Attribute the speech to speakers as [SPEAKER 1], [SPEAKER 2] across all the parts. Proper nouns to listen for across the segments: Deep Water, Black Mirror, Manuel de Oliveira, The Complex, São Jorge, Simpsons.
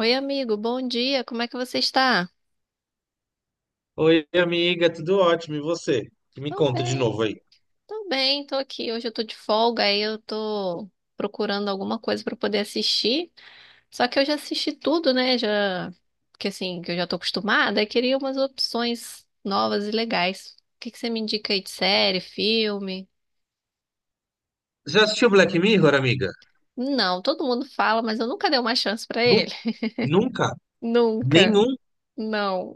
[SPEAKER 1] Oi, amigo, bom dia. Como é que você está?
[SPEAKER 2] Oi, amiga, tudo ótimo. E você? Que Me
[SPEAKER 1] Tô
[SPEAKER 2] conta de
[SPEAKER 1] bem,
[SPEAKER 2] novo aí.
[SPEAKER 1] tô aqui. Hoje eu tô de folga, aí eu tô procurando alguma coisa pra poder assistir. Só que eu já assisti tudo, né? Já que assim, que eu já tô acostumada, eu queria umas opções novas e legais. O que que você me indica aí de série, filme?
[SPEAKER 2] Já assistiu Black Mirror, amiga?
[SPEAKER 1] Não, todo mundo fala, mas eu nunca dei uma chance pra
[SPEAKER 2] Nun-
[SPEAKER 1] ele.
[SPEAKER 2] Nunca?
[SPEAKER 1] Nunca.
[SPEAKER 2] Nenhum?
[SPEAKER 1] Não.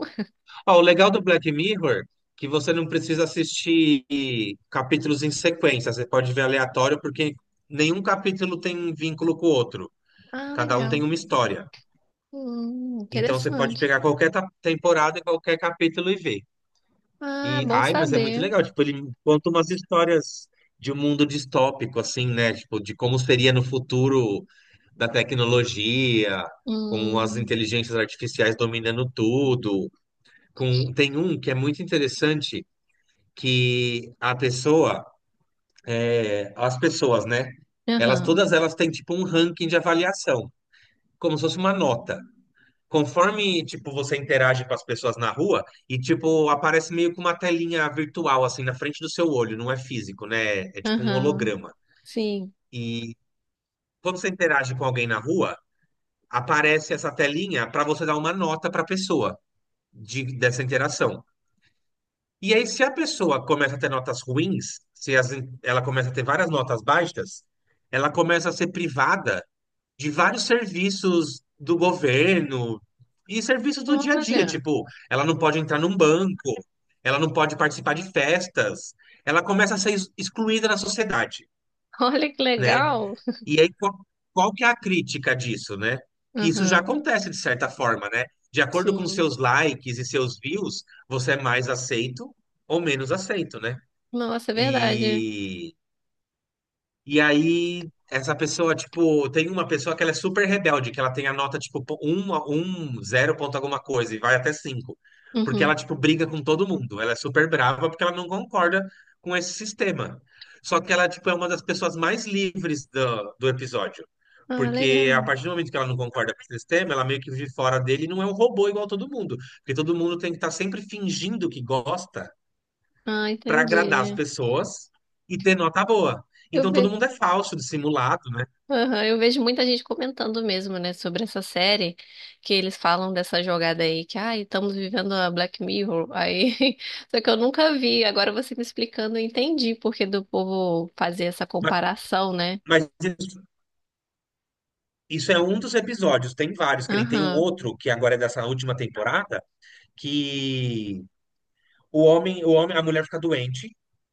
[SPEAKER 2] Ó, o legal do Black Mirror é que você não precisa assistir capítulos em sequência. Você pode ver aleatório, porque nenhum capítulo tem vínculo com o outro.
[SPEAKER 1] Ah,
[SPEAKER 2] Cada um
[SPEAKER 1] legal.
[SPEAKER 2] tem uma história. Então você pode
[SPEAKER 1] Interessante.
[SPEAKER 2] pegar qualquer temporada e qualquer capítulo e ver.
[SPEAKER 1] Ah, bom
[SPEAKER 2] Mas é muito
[SPEAKER 1] saber.
[SPEAKER 2] legal. Tipo, ele conta umas histórias de um mundo distópico, assim, né? Tipo, de como seria no futuro da tecnologia, com as
[SPEAKER 1] Hum.
[SPEAKER 2] inteligências artificiais dominando tudo. Tem um que é muito interessante, que as pessoas, né? Elas,
[SPEAKER 1] Aham.
[SPEAKER 2] todas elas têm, tipo, um ranking de avaliação, como se fosse uma nota. Conforme, tipo, você interage com as pessoas na rua e, tipo, aparece meio que uma telinha virtual, assim, na frente do seu olho, não é físico, né? É tipo um
[SPEAKER 1] Aham,
[SPEAKER 2] holograma.
[SPEAKER 1] sim.
[SPEAKER 2] E quando você interage com alguém na rua, aparece essa telinha para você dar uma nota para a pessoa dessa interação. E aí, se a pessoa começa a ter notas ruins, se as- ela começa a ter várias notas baixas, ela começa a ser privada de vários serviços do governo e serviços do dia a dia.
[SPEAKER 1] Olha,
[SPEAKER 2] Tipo, ela não pode entrar num banco, ela não pode participar de festas, ela começa a ser excluída na sociedade,
[SPEAKER 1] olha que
[SPEAKER 2] né?
[SPEAKER 1] legal.
[SPEAKER 2] E aí, qual que é a crítica disso, né? Que isso já
[SPEAKER 1] Aham,
[SPEAKER 2] acontece de certa forma, né? De acordo com
[SPEAKER 1] sim.
[SPEAKER 2] seus likes e seus views, você é mais aceito ou menos aceito, né?
[SPEAKER 1] Nossa, é verdade.
[SPEAKER 2] E e aí, essa pessoa, tipo, tem uma pessoa que ela é super rebelde, que ela tem a nota, tipo, um, zero ponto alguma coisa, e vai até cinco. Porque ela,
[SPEAKER 1] Uhum.
[SPEAKER 2] tipo, briga com todo mundo. Ela é super brava porque ela não concorda com esse sistema. Só que ela, tipo, é uma das pessoas mais livres do episódio.
[SPEAKER 1] Ah,
[SPEAKER 2] Porque a
[SPEAKER 1] legal.
[SPEAKER 2] partir do momento que ela não concorda com esse sistema, ela meio que vive fora dele e não é um robô igual todo mundo. Porque todo mundo tem que estar sempre fingindo que gosta
[SPEAKER 1] Ah,
[SPEAKER 2] para agradar as
[SPEAKER 1] entendi.
[SPEAKER 2] pessoas e ter nota boa.
[SPEAKER 1] Eu
[SPEAKER 2] Então todo
[SPEAKER 1] ve...
[SPEAKER 2] mundo é falso, dissimulado, né?
[SPEAKER 1] Aham, eu vejo muita gente comentando mesmo, né, sobre essa série, que eles falam dessa jogada aí, que, ai, estamos vivendo a Black Mirror, aí, só que eu nunca vi, agora você me explicando, eu entendi porque do povo fazer essa
[SPEAKER 2] Ma-
[SPEAKER 1] comparação, né?
[SPEAKER 2] Mas, isso, isso é um dos episódios, tem vários, que nem tem um
[SPEAKER 1] Aham,
[SPEAKER 2] outro, que agora é dessa última temporada, que a mulher fica doente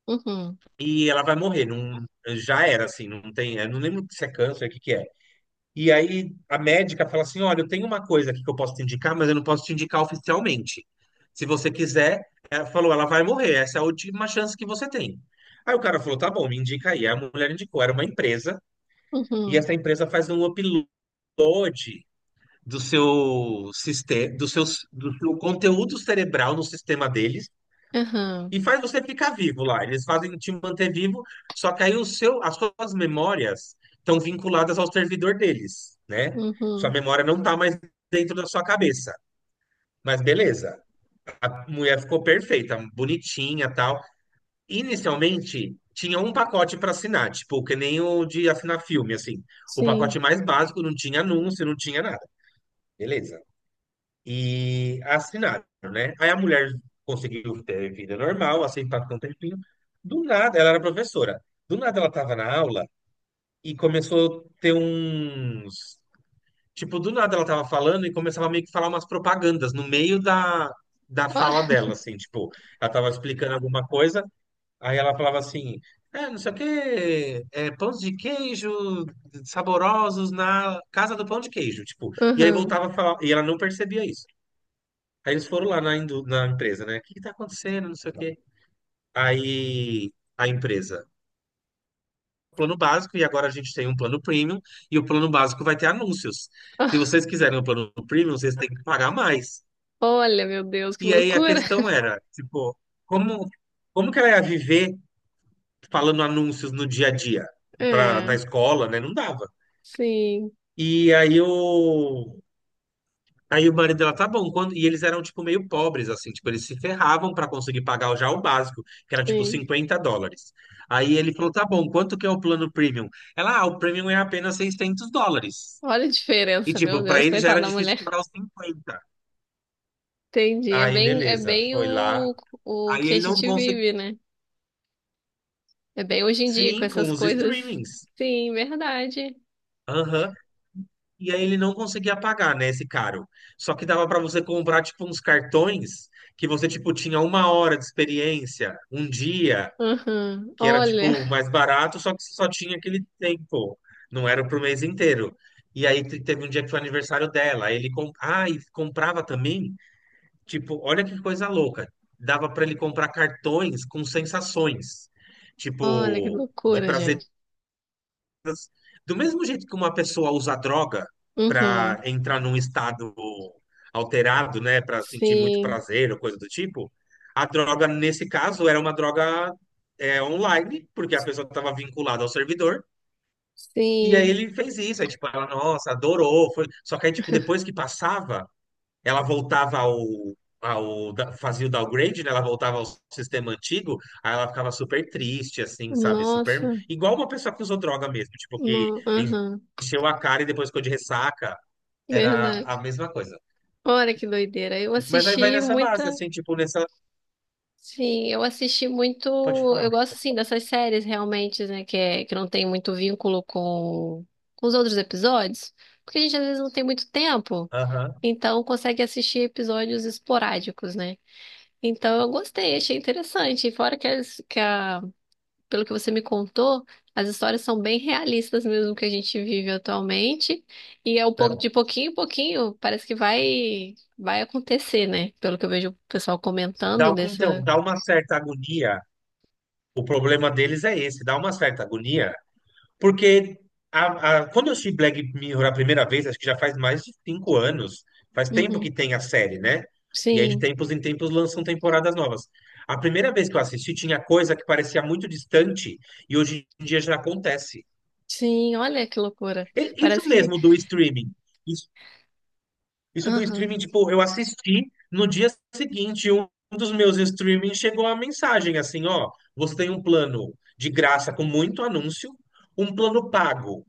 [SPEAKER 1] uhum,
[SPEAKER 2] e ela vai morrer. Não, já era, assim, não tem. Eu não lembro se é câncer, o que que é. E aí a médica fala assim: olha, eu tenho uma coisa aqui que eu posso te indicar, mas eu não posso te indicar oficialmente. Se você quiser, ela falou, ela vai morrer, essa é a última chance que você tem. Aí o cara falou: tá bom, me indica aí. Aí a mulher indicou, era uma empresa, e
[SPEAKER 1] uhum,
[SPEAKER 2] essa empresa faz um upload do seu sistema, do seu conteúdo cerebral no sistema deles
[SPEAKER 1] aham,
[SPEAKER 2] e faz você ficar vivo lá. Eles fazem te manter vivo, só que aí as suas memórias estão vinculadas ao servidor deles, né? Sua
[SPEAKER 1] uhum,
[SPEAKER 2] memória não tá mais dentro da sua cabeça. Mas beleza, a mulher ficou perfeita, bonitinha, tal. Inicialmente tinha um pacote para assinar, tipo, que nem o de assinar filme, assim. O
[SPEAKER 1] sim.
[SPEAKER 2] pacote mais básico não tinha anúncio, não tinha nada. Beleza. E assinaram, né? Aí a mulher conseguiu ter vida normal, assim, passou um tempinho. Do nada, ela era professora. Do nada ela estava na aula e começou a ter uns. Tipo, do nada ela estava falando e começava meio que falar umas propagandas no meio da
[SPEAKER 1] Olha.
[SPEAKER 2] fala dela, assim, tipo, ela estava explicando alguma coisa, aí ela falava assim. Não sei o quê, pães de queijo saborosos na casa do pão de queijo, tipo, e aí
[SPEAKER 1] Aham.
[SPEAKER 2] voltava a falar, e ela não percebia isso. Aí eles foram lá na empresa, né? O que que tá acontecendo? Não sei o quê. Aí a empresa, plano básico, e agora a gente tem um plano premium, e o plano básico vai ter anúncios. Se
[SPEAKER 1] Ah,
[SPEAKER 2] vocês quiserem o plano premium, vocês têm que pagar mais.
[SPEAKER 1] olha, meu Deus, que
[SPEAKER 2] E aí a
[SPEAKER 1] loucura.
[SPEAKER 2] questão era, tipo, como, como que ela ia viver falando anúncios no dia a dia? Pra,
[SPEAKER 1] É,
[SPEAKER 2] na escola, né? Não dava.
[SPEAKER 1] sim,
[SPEAKER 2] E aí o, Aí o marido dela, tá bom, quando... e eles eram, tipo, meio pobres, assim, tipo, eles se ferravam para conseguir pagar já o básico, que era, tipo,
[SPEAKER 1] sim.
[SPEAKER 2] US$ 50. Aí ele falou, tá bom, quanto que é o plano premium? Ela, ah, o premium é apenas US$ 600.
[SPEAKER 1] Olha a
[SPEAKER 2] E,
[SPEAKER 1] diferença, meu
[SPEAKER 2] tipo, para
[SPEAKER 1] Deus,
[SPEAKER 2] ele já
[SPEAKER 1] coitada
[SPEAKER 2] era
[SPEAKER 1] da
[SPEAKER 2] difícil
[SPEAKER 1] mulher.
[SPEAKER 2] pagar os 50.
[SPEAKER 1] Entendi.
[SPEAKER 2] Aí, beleza, foi lá.
[SPEAKER 1] O
[SPEAKER 2] Aí
[SPEAKER 1] que a
[SPEAKER 2] ele não
[SPEAKER 1] gente
[SPEAKER 2] conseguiu,
[SPEAKER 1] vive, né? É bem hoje em dia com
[SPEAKER 2] sim, com
[SPEAKER 1] essas
[SPEAKER 2] os
[SPEAKER 1] coisas.
[SPEAKER 2] streamings.
[SPEAKER 1] Sim, verdade.
[SPEAKER 2] Aham. E aí ele não conseguia pagar, né, esse caro. Só que dava para você comprar, tipo, uns cartões que você, tipo, tinha uma hora de experiência, um dia.
[SPEAKER 1] Uhum.
[SPEAKER 2] Que era
[SPEAKER 1] Olha,
[SPEAKER 2] tipo mais barato, só que só tinha aquele tempo, não era pro mês inteiro. E aí teve um dia que foi aniversário dela, aí ele com... ah, e comprava também, tipo, olha que coisa louca, dava para ele comprar cartões com sensações,
[SPEAKER 1] olha que
[SPEAKER 2] tipo, de
[SPEAKER 1] loucura,
[SPEAKER 2] prazer
[SPEAKER 1] gente.
[SPEAKER 2] do mesmo jeito que uma pessoa usa droga
[SPEAKER 1] Uhum.
[SPEAKER 2] para entrar num estado alterado, né, para sentir muito
[SPEAKER 1] Sim,
[SPEAKER 2] prazer ou coisa do tipo, a droga nesse caso era uma droga online, porque a pessoa estava vinculada ao servidor. E aí
[SPEAKER 1] sim.
[SPEAKER 2] ele fez isso, aí tipo, ela, nossa, adorou, foi... Só que aí, tipo, depois que passava, ela voltava ao, ao fazia o downgrade, né? Ela voltava ao sistema antigo, aí ela ficava super triste, assim, sabe? Super
[SPEAKER 1] Nossa,
[SPEAKER 2] igual uma pessoa que usou droga mesmo, tipo que
[SPEAKER 1] não, aham.
[SPEAKER 2] encheu a cara e depois ficou de ressaca, era
[SPEAKER 1] Verdade.
[SPEAKER 2] a mesma coisa.
[SPEAKER 1] Olha que doideira. Eu
[SPEAKER 2] Mas aí vai
[SPEAKER 1] assisti
[SPEAKER 2] nessa base,
[SPEAKER 1] muita.
[SPEAKER 2] assim, tipo nessa,
[SPEAKER 1] Sim, eu assisti muito.
[SPEAKER 2] pode falar.
[SPEAKER 1] Eu
[SPEAKER 2] Amigo.
[SPEAKER 1] gosto assim dessas séries realmente, né? Que não tem muito vínculo com os outros episódios, porque a gente às vezes não tem muito tempo,
[SPEAKER 2] Aham.
[SPEAKER 1] então consegue assistir episódios esporádicos, né? Então eu gostei, achei interessante. E fora que, as, que a, pelo que você me contou, as histórias são bem realistas mesmo que a gente vive atualmente, e é um pouco
[SPEAKER 2] Então,
[SPEAKER 1] de pouquinho em pouquinho, parece que vai acontecer, né? Pelo que eu vejo o pessoal comentando
[SPEAKER 2] então,
[SPEAKER 1] dessa.
[SPEAKER 2] dá uma certa agonia. O problema deles é esse, dá uma certa agonia. Porque quando eu assisti Black Mirror a primeira vez, acho que já faz mais de 5 anos. Faz tempo
[SPEAKER 1] Uhum.
[SPEAKER 2] que tem a série, né? E aí, de
[SPEAKER 1] Sim,
[SPEAKER 2] tempos em tempos, lançam temporadas novas. A primeira vez que eu assisti, tinha coisa que parecia muito distante e hoje em dia já acontece.
[SPEAKER 1] sim, olha que loucura.
[SPEAKER 2] Isso
[SPEAKER 1] Parece que.
[SPEAKER 2] mesmo do streaming. Isso do streaming,
[SPEAKER 1] Aham.
[SPEAKER 2] tipo, eu assisti no dia seguinte, um dos meus streamings chegou a mensagem assim, ó, você tem um plano de graça com muito anúncio, um plano pago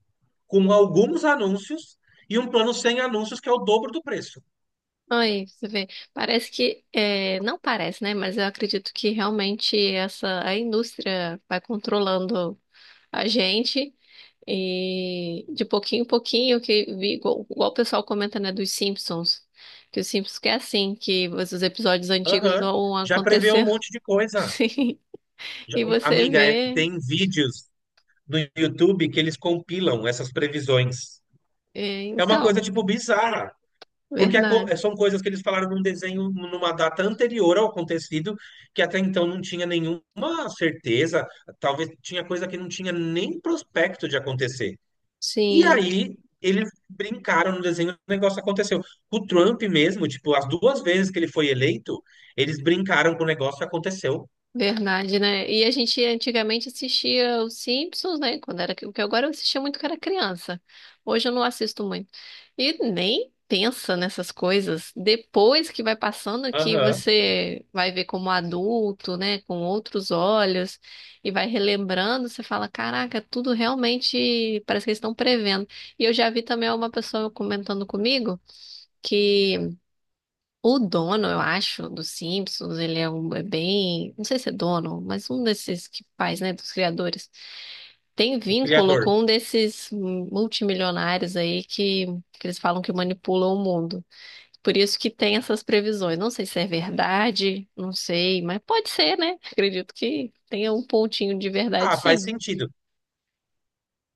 [SPEAKER 2] com alguns anúncios e um plano sem anúncios que é o dobro do preço.
[SPEAKER 1] Aí, você vê. Não parece, né? Mas eu acredito que realmente essa a indústria vai controlando a gente. E de pouquinho em pouquinho, que vi, igual o pessoal comenta, né, dos Simpsons. Que os Simpsons que é assim, que os episódios antigos
[SPEAKER 2] Aham.
[SPEAKER 1] vão
[SPEAKER 2] Já prevê um
[SPEAKER 1] acontecendo.
[SPEAKER 2] monte de coisa.
[SPEAKER 1] Sim. E você
[SPEAKER 2] Amiga,
[SPEAKER 1] vê.
[SPEAKER 2] tem vídeos no YouTube que eles compilam essas previsões.
[SPEAKER 1] é,
[SPEAKER 2] É uma coisa
[SPEAKER 1] então,
[SPEAKER 2] tipo bizarra. Porque
[SPEAKER 1] verdade.
[SPEAKER 2] são coisas que eles falaram num desenho, numa data anterior ao acontecido, que até então não tinha nenhuma certeza, talvez tinha coisa que não tinha nem prospecto de acontecer. E
[SPEAKER 1] Sim.
[SPEAKER 2] aí eles brincaram no desenho, o negócio aconteceu. O Trump mesmo, tipo, as duas vezes que ele foi eleito, eles brincaram com o negócio e aconteceu.
[SPEAKER 1] Verdade, né? E a gente antigamente assistia os Simpsons, né? Quando era, o que agora eu assistia muito quando era criança. Hoje eu não assisto muito. E nem pensa nessas coisas. Depois que vai passando, que
[SPEAKER 2] Aham,
[SPEAKER 1] você vai ver como adulto, né? Com outros olhos e vai relembrando, você fala, caraca, tudo realmente parece que eles estão prevendo. E eu já vi também uma pessoa comentando comigo que o dono, eu acho, dos Simpsons, ele é bem. Não sei se é dono, mas um desses que faz, né, dos criadores. Tem
[SPEAKER 2] o
[SPEAKER 1] vínculo
[SPEAKER 2] criador.
[SPEAKER 1] com um desses multimilionários aí que eles falam que manipulam o mundo. Por isso que tem essas previsões. Não sei se é verdade, não sei, mas pode ser, né? Acredito que tenha um pontinho de verdade,
[SPEAKER 2] Ah, faz
[SPEAKER 1] sim.
[SPEAKER 2] sentido.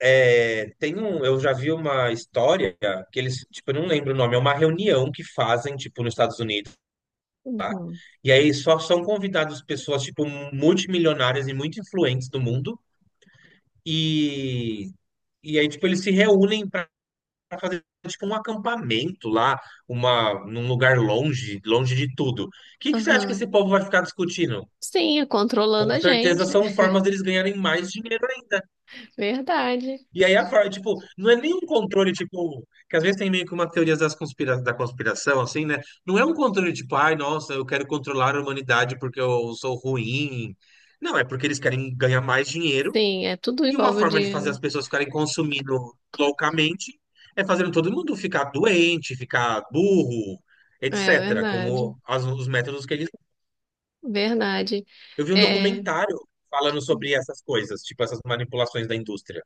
[SPEAKER 2] É, tem um, eu já vi uma história que eles, tipo, eu não lembro o nome, é uma reunião que fazem, tipo, nos Estados Unidos.
[SPEAKER 1] Uhum.
[SPEAKER 2] E aí só são convidadas pessoas, tipo, multimilionárias e muito influentes do mundo. E, e aí, tipo, eles se reúnem para fazer, tipo, um acampamento lá, uma, num lugar longe, longe de tudo. O que que você acha que
[SPEAKER 1] Aham.
[SPEAKER 2] esse povo vai ficar discutindo?
[SPEAKER 1] Sim, é controlando
[SPEAKER 2] Com
[SPEAKER 1] a
[SPEAKER 2] certeza
[SPEAKER 1] gente.
[SPEAKER 2] são formas deles ganharem mais dinheiro.
[SPEAKER 1] Verdade.
[SPEAKER 2] E aí a Freud, tipo, não é nem um controle, tipo, que às vezes tem meio que uma teoria das conspira da conspiração, assim, né? Não é um controle tipo, ai, nossa, eu quero controlar a humanidade porque eu sou ruim. Não, é porque eles querem ganhar mais dinheiro
[SPEAKER 1] Sim, é tudo
[SPEAKER 2] e uma
[SPEAKER 1] envolve o
[SPEAKER 2] forma de
[SPEAKER 1] dinheiro.
[SPEAKER 2] fazer
[SPEAKER 1] Né?
[SPEAKER 2] as pessoas ficarem consumindo loucamente é fazendo todo mundo ficar doente, ficar burro,
[SPEAKER 1] É
[SPEAKER 2] etc.,
[SPEAKER 1] verdade.
[SPEAKER 2] como os métodos que eles.
[SPEAKER 1] Verdade.
[SPEAKER 2] Eu vi um
[SPEAKER 1] É,
[SPEAKER 2] documentário falando sobre essas coisas, tipo, essas manipulações da indústria.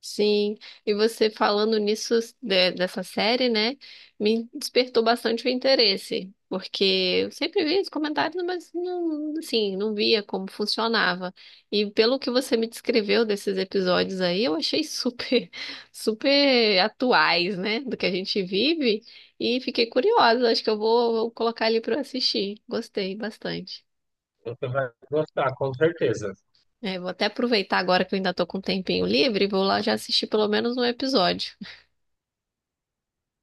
[SPEAKER 1] sim. E você falando nisso, dessa série, né, me despertou bastante o interesse, porque eu sempre via os comentários, mas não, assim, não via como funcionava. E pelo que você me descreveu desses episódios aí, eu achei super, super atuais, né, do que a gente vive, e fiquei curiosa. Acho que vou colocar ali para assistir. Gostei bastante.
[SPEAKER 2] Você vai gostar, com certeza.
[SPEAKER 1] É, vou até aproveitar agora que eu ainda tô com um tempinho livre e vou lá já assistir pelo menos um episódio.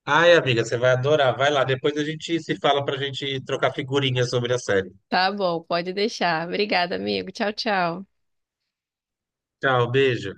[SPEAKER 2] Ai, amiga, você vai adorar. Vai lá, depois a gente se fala pra gente trocar figurinhas sobre a série.
[SPEAKER 1] Tá bom, pode deixar. Obrigada, amigo. Tchau, tchau.
[SPEAKER 2] Tchau, beijo.